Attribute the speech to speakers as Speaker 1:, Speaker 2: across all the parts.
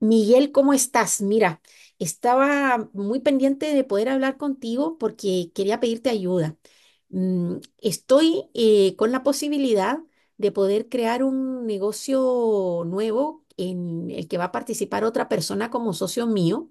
Speaker 1: Miguel, ¿cómo estás? Mira, estaba muy pendiente de poder hablar contigo porque quería pedirte ayuda. Estoy con la posibilidad de poder crear un negocio nuevo en el que va a participar otra persona como socio mío.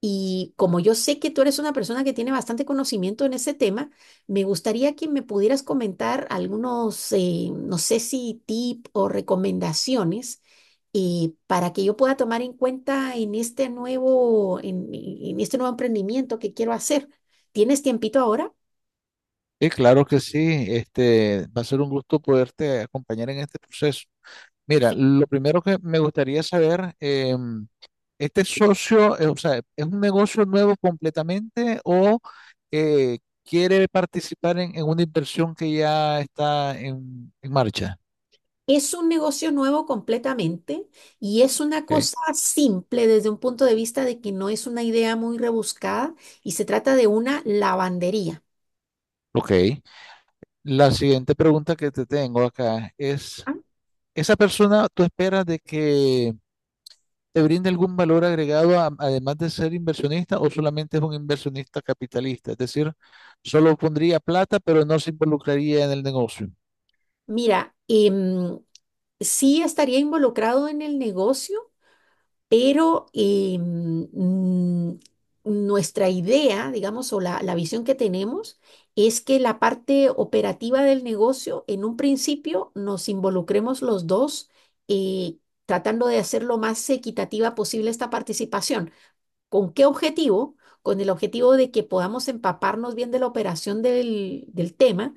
Speaker 1: Y como yo sé que tú eres una persona que tiene bastante conocimiento en ese tema, me gustaría que me pudieras comentar algunos, no sé si tip o recomendaciones y para que yo pueda tomar en cuenta en este nuevo, en este nuevo emprendimiento que quiero hacer. ¿Tienes tiempito ahora?
Speaker 2: Sí, claro que sí. Va a ser un gusto poderte acompañar en este proceso. Mira,
Speaker 1: Perfecto.
Speaker 2: lo primero que me gustaría saber, ¿este socio, o sea, es un negocio nuevo completamente o quiere participar en una inversión que ya está en marcha?
Speaker 1: Es un negocio nuevo completamente y es una
Speaker 2: Ok.
Speaker 1: cosa simple desde un punto de vista de que no es una idea muy rebuscada y se trata de una lavandería.
Speaker 2: Ok. La siguiente pregunta que te tengo acá es,
Speaker 1: Ah.
Speaker 2: ¿esa persona tú esperas de que te brinda algún valor agregado además de ser inversionista o solamente es un inversionista capitalista? Es decir, solo pondría plata pero no se involucraría en el negocio.
Speaker 1: Mira, sí estaría involucrado en el negocio, pero nuestra idea, digamos, o la visión que tenemos es que la parte operativa del negocio, en un principio, nos involucremos los dos eh, tratando de hacer lo más equitativa posible esta participación. ¿Con qué objetivo? Con el objetivo de que podamos empaparnos bien de la operación del tema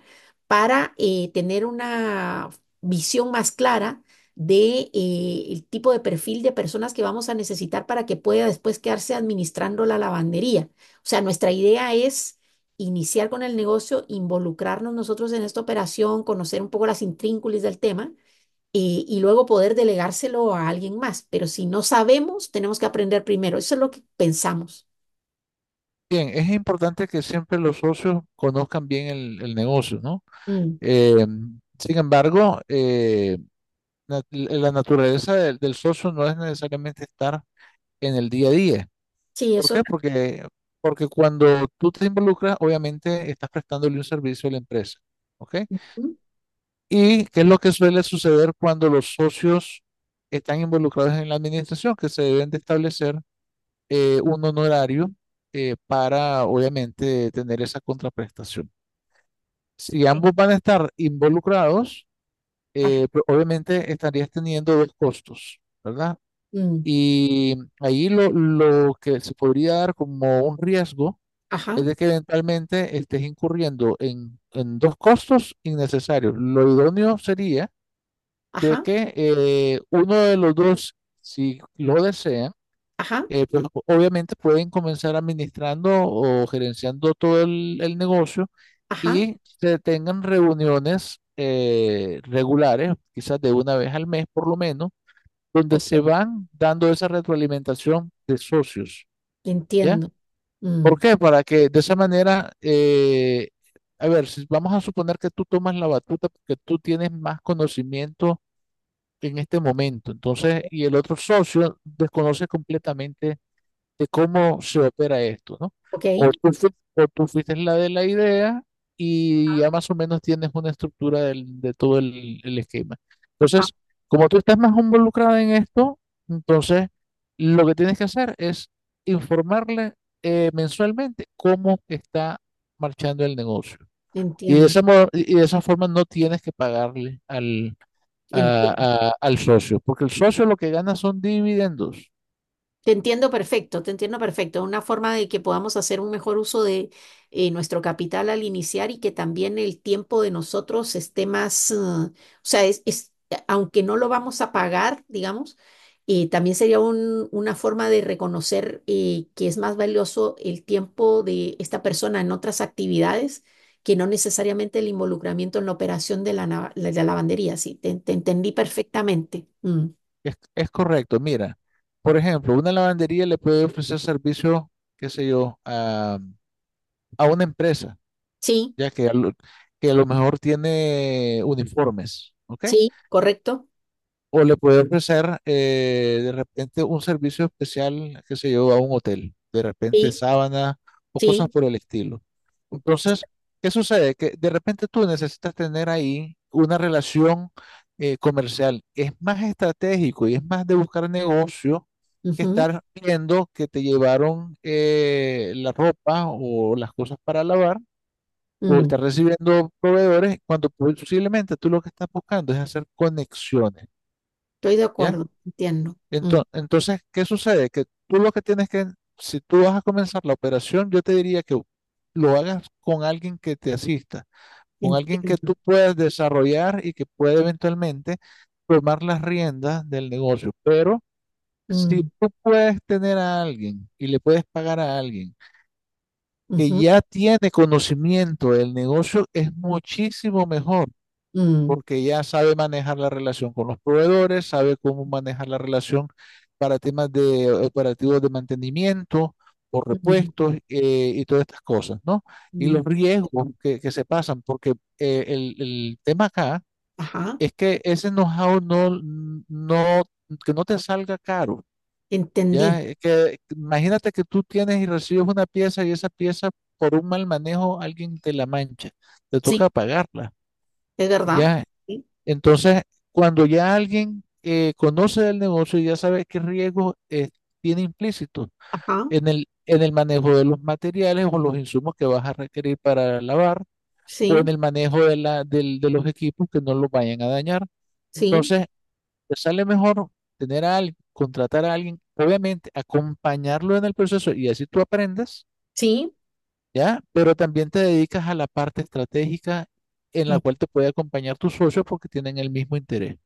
Speaker 1: para tener una visión más clara de el tipo de perfil de personas que vamos a necesitar para que pueda después quedarse administrando la lavandería. O sea, nuestra idea es iniciar con el negocio, involucrarnos nosotros en esta operación, conocer un poco las intrínculas del tema y luego poder delegárselo a alguien más. Pero si no sabemos, tenemos que aprender primero. Eso es lo que pensamos.
Speaker 2: Bien, es importante que siempre los socios conozcan bien el negocio, ¿no?
Speaker 1: Mm,
Speaker 2: Eh, sin embargo, la naturaleza del socio no es necesariamente estar en el día a día.
Speaker 1: sí,
Speaker 2: ¿Por
Speaker 1: eso
Speaker 2: qué?
Speaker 1: es.
Speaker 2: Porque cuando tú te involucras, obviamente estás prestándole un servicio a la empresa, ¿ok?
Speaker 1: Mm,
Speaker 2: ¿Y qué es lo que suele suceder cuando los socios están involucrados en la administración? Que se deben de establecer un honorario para, obviamente, tener esa contraprestación. Si
Speaker 1: sí,
Speaker 2: ambos van a estar involucrados,
Speaker 1: ajá.
Speaker 2: pues, obviamente estarías teniendo dos costos, ¿verdad?
Speaker 1: Mm,
Speaker 2: Y ahí lo que se podría dar como un riesgo
Speaker 1: ajá,
Speaker 2: es de que eventualmente estés incurriendo en dos costos innecesarios. Lo idóneo sería de
Speaker 1: ajá,
Speaker 2: que uno de los dos, si lo desea,
Speaker 1: ajá,
Speaker 2: pues obviamente pueden comenzar administrando o gerenciando todo el negocio
Speaker 1: ajá,
Speaker 2: y se tengan reuniones regulares, quizás de una vez al mes por lo menos, donde
Speaker 1: ok,
Speaker 2: se van dando esa retroalimentación de socios, ¿ya?
Speaker 1: entiendo. Mm.
Speaker 2: ¿Por qué? Para que de esa manera, a ver, si vamos a suponer que tú tomas la batuta porque tú tienes más conocimiento en este momento. Entonces,
Speaker 1: o-
Speaker 2: y el otro socio desconoce completamente de cómo se opera esto, ¿no?
Speaker 1: Ok,
Speaker 2: O tú, o tú fuiste la de la idea y ya más o menos tienes una estructura de todo el esquema.
Speaker 1: ajá,
Speaker 2: Entonces, como tú estás más involucrada en esto, entonces lo que tienes que hacer es informarle mensualmente cómo está marchando el negocio. Y de
Speaker 1: entiendo.
Speaker 2: esa, y de esa forma no tienes que pagarle
Speaker 1: Entiendo.
Speaker 2: al socio, porque el socio lo que gana son dividendos.
Speaker 1: Te entiendo perfecto, te entiendo perfecto. Una forma de que podamos hacer un mejor uso de nuestro capital al iniciar y que también el tiempo de nosotros esté más, o sea, aunque no lo vamos a pagar, digamos, también sería una forma de reconocer que es más valioso el tiempo de esta persona en otras actividades que no necesariamente el involucramiento en la operación de la lavandería. Sí, te entendí perfectamente. Mm.
Speaker 2: Es correcto. Mira, por ejemplo, una lavandería le puede ofrecer servicio, qué sé yo, a una empresa,
Speaker 1: Sí,
Speaker 2: ya que a lo mejor tiene uniformes, ¿ok?
Speaker 1: sí, correcto.
Speaker 2: O le puede ofrecer de repente un servicio especial, que se yo, a un hotel, de repente
Speaker 1: Sí.
Speaker 2: sábana o cosas
Speaker 1: Sí.
Speaker 2: por el estilo. Entonces, ¿qué sucede? Que de repente tú necesitas tener ahí una relación comercial. Es más estratégico y es más de buscar negocio que
Speaker 1: Ujú.
Speaker 2: estar viendo que te llevaron la ropa o las cosas para lavar o
Speaker 1: mm,
Speaker 2: estar recibiendo proveedores cuando posiblemente tú lo que estás buscando es hacer conexiones.
Speaker 1: Estoy de
Speaker 2: ¿Ya?
Speaker 1: acuerdo, entiendo. Mm,
Speaker 2: Entonces, ¿qué sucede? Que tú lo que si tú vas a comenzar la operación, yo te diría que lo hagas con alguien que te asista, con alguien que tú
Speaker 1: entiendo.
Speaker 2: puedas desarrollar y que puede eventualmente tomar las riendas del negocio. Pero si
Speaker 1: Mm,
Speaker 2: tú puedes tener a alguien y le puedes pagar a alguien que
Speaker 1: ujú,
Speaker 2: ya tiene conocimiento del negocio, es muchísimo mejor
Speaker 1: mm,
Speaker 2: porque ya sabe manejar la relación con los proveedores, sabe cómo manejar la relación para temas de operativos de mantenimiento o
Speaker 1: mm,
Speaker 2: repuestos y todas estas cosas, ¿no? Y
Speaker 1: mm,
Speaker 2: los riesgos que se pasan, porque el tema acá
Speaker 1: ajá,
Speaker 2: es que ese know-how no, que no te salga caro,
Speaker 1: entendí.
Speaker 2: ¿ya? Es que, imagínate que tú tienes y recibes una pieza y esa pieza por un mal manejo alguien te la mancha, te
Speaker 1: Sí,
Speaker 2: toca pagarla.
Speaker 1: es verdad.
Speaker 2: Ya,
Speaker 1: Sí,
Speaker 2: entonces, cuando ya alguien conoce del negocio y ya sabe qué riesgos tiene implícitos
Speaker 1: ajá,
Speaker 2: en el manejo de los materiales o los insumos que vas a requerir para lavar o en
Speaker 1: sí,
Speaker 2: el manejo de los equipos que no los vayan a dañar.
Speaker 1: sí,
Speaker 2: Entonces, te sale mejor tener a alguien, contratar a alguien, obviamente acompañarlo en el proceso y así tú aprendes,
Speaker 1: sí.
Speaker 2: ¿ya? Pero también te dedicas a la parte estratégica en la cual te puede acompañar tus socios porque tienen el mismo interés.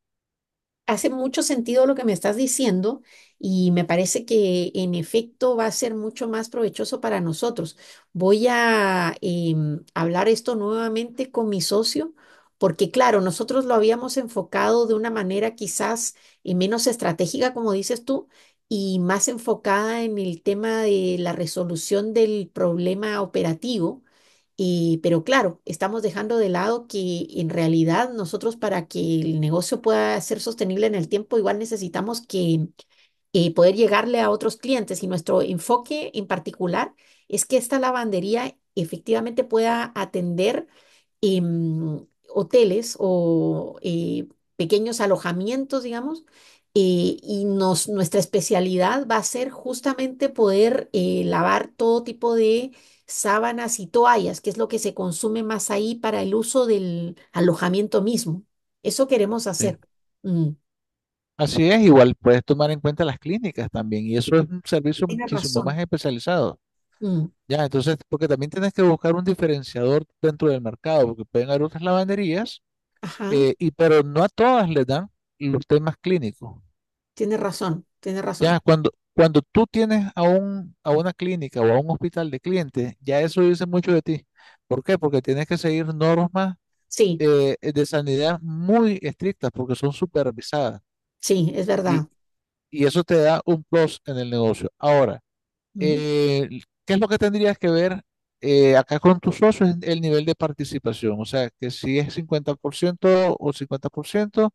Speaker 1: Hace mucho sentido lo que me estás diciendo y me parece que en efecto va a ser mucho más provechoso para nosotros. Voy a hablar esto nuevamente con mi socio porque claro, nosotros lo habíamos enfocado de una manera quizás menos estratégica, como dices tú, y más enfocada en el tema de la resolución del problema operativo. Y, pero claro, estamos dejando de lado que en realidad nosotros para que el negocio pueda ser sostenible en el tiempo, igual necesitamos que y poder llegarle a otros clientes. Y nuestro enfoque en particular es que esta lavandería efectivamente pueda atender hoteles o pequeños alojamientos, digamos. Y nuestra especialidad va a ser justamente poder lavar todo tipo de sábanas y toallas, que es lo que se consume más ahí para el uso del alojamiento mismo. Eso queremos
Speaker 2: ¿Sí?
Speaker 1: hacer. Mm.
Speaker 2: Así es, igual puedes tomar en cuenta las clínicas también, y eso es un servicio
Speaker 1: Tienes
Speaker 2: muchísimo más
Speaker 1: razón.
Speaker 2: especializado.
Speaker 1: Mm.
Speaker 2: Ya, entonces, porque también tienes que buscar un diferenciador dentro del mercado, porque pueden haber otras lavanderías,
Speaker 1: Ajá.
Speaker 2: pero no a todas les dan los temas clínicos.
Speaker 1: Tienes razón, tienes
Speaker 2: Ya,
Speaker 1: razón.
Speaker 2: cuando tú tienes a un, a una clínica o a un hospital de clientes, ya eso dice mucho de ti. ¿Por qué? Porque tienes que seguir normas
Speaker 1: Sí,
Speaker 2: de sanidad muy estrictas, porque son supervisadas,
Speaker 1: sí, es
Speaker 2: y,
Speaker 1: verdad.
Speaker 2: y eso te da un plus en el negocio. Ahora,
Speaker 1: Ujú,
Speaker 2: eh, ¿qué es lo que tendrías que ver acá con tus socios? Es el nivel de participación, o sea, que si es 50% o 50%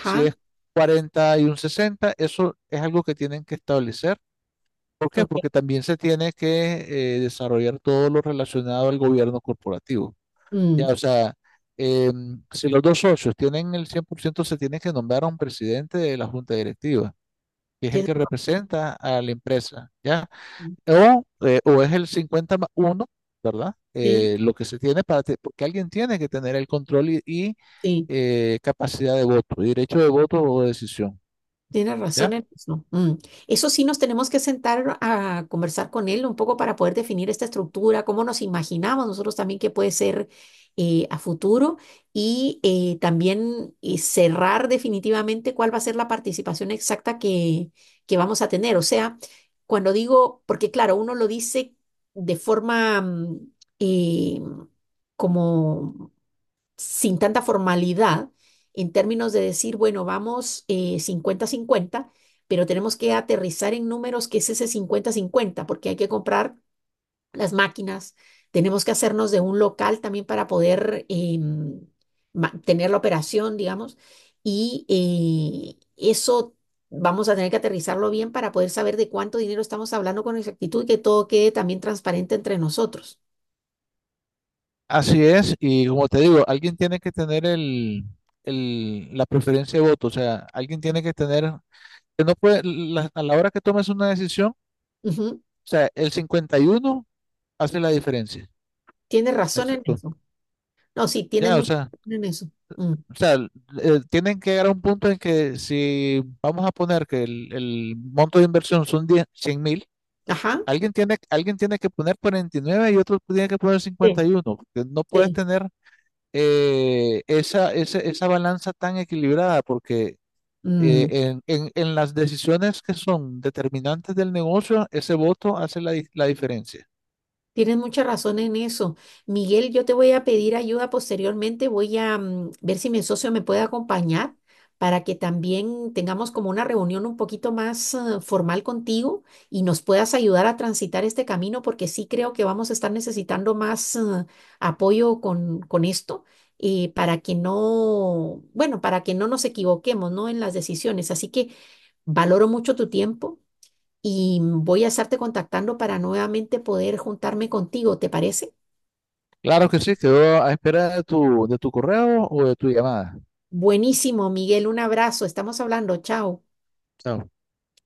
Speaker 2: si es 40 y un 60 eso es algo que tienen que establecer. ¿Por qué?
Speaker 1: ok.
Speaker 2: Porque también se tiene que desarrollar todo lo relacionado al gobierno corporativo. Ya,
Speaker 1: mm,
Speaker 2: o sea, si los dos socios tienen el 100% se tiene que nombrar a un presidente de la junta directiva, que es el
Speaker 1: Tienes
Speaker 2: que representa a la empresa, ¿ya?
Speaker 1: razón.
Speaker 2: O es el 50 más 1, ¿verdad?
Speaker 1: Sí,
Speaker 2: Lo que se tiene porque alguien tiene que tener el control
Speaker 1: sí.
Speaker 2: capacidad de voto, derecho de voto o decisión,
Speaker 1: Tienes razón
Speaker 2: ¿ya?
Speaker 1: en eso. Mm. Eso sí nos tenemos que sentar a conversar con él un poco para poder definir esta estructura, cómo nos imaginamos nosotros también que puede ser a futuro y también cerrar definitivamente cuál va a ser la participación exacta que vamos a tener. O sea, cuando digo, porque claro, uno lo dice de forma eh, como sin tanta formalidad en términos de decir, bueno, vamos cincuenta 50, pero tenemos que aterrizar en números que es ese cincuenta-cincuenta, porque hay que comprar las máquinas, tenemos que hacernos de un local también para poder tener la operación, digamos, y eso vamos a tener que aterrizarlo bien para poder saber de cuánto dinero estamos hablando con exactitud y que todo quede también transparente entre nosotros.
Speaker 2: Así es, y como te digo, alguien tiene que tener la preferencia de voto, o sea, alguien tiene que tener, que no puede, a la hora que tomes una decisión, o
Speaker 1: Ujú.
Speaker 2: sea, el 51 hace la diferencia,
Speaker 1: Tienes
Speaker 2: ¿me
Speaker 1: razón en
Speaker 2: explico?
Speaker 1: eso. No, sí, tienes
Speaker 2: Ya, o
Speaker 1: mucha
Speaker 2: sea,
Speaker 1: razón en eso. Mm.
Speaker 2: O sea, tienen que llegar a un punto en que si vamos a poner que el monto de inversión son 10, 100 mil,
Speaker 1: Ajá.
Speaker 2: alguien tiene que poner 49 y nueve y otro tiene que poner
Speaker 1: Sí.
Speaker 2: 51, porque no puedes
Speaker 1: Sí.
Speaker 2: tener esa balanza tan equilibrada, porque
Speaker 1: Mm,
Speaker 2: en las decisiones que son determinantes del negocio, ese voto hace la diferencia.
Speaker 1: Tienes mucha razón en eso. Miguel, yo te voy a pedir ayuda posteriormente. Voy a ver si mi socio me puede acompañar para que también tengamos como una reunión un poquito más formal contigo y nos puedas ayudar a transitar este camino, porque sí creo que vamos a estar necesitando más apoyo con esto para que no, bueno, para que no nos equivoquemos, ¿no? En las decisiones. Así que valoro mucho tu tiempo y voy a estarte contactando para nuevamente poder juntarme contigo, ¿te parece?
Speaker 2: Claro que sí, quedo a espera de tu correo o de tu llamada.
Speaker 1: Buenísimo, Miguel, un abrazo, estamos hablando, chao.
Speaker 2: Chao.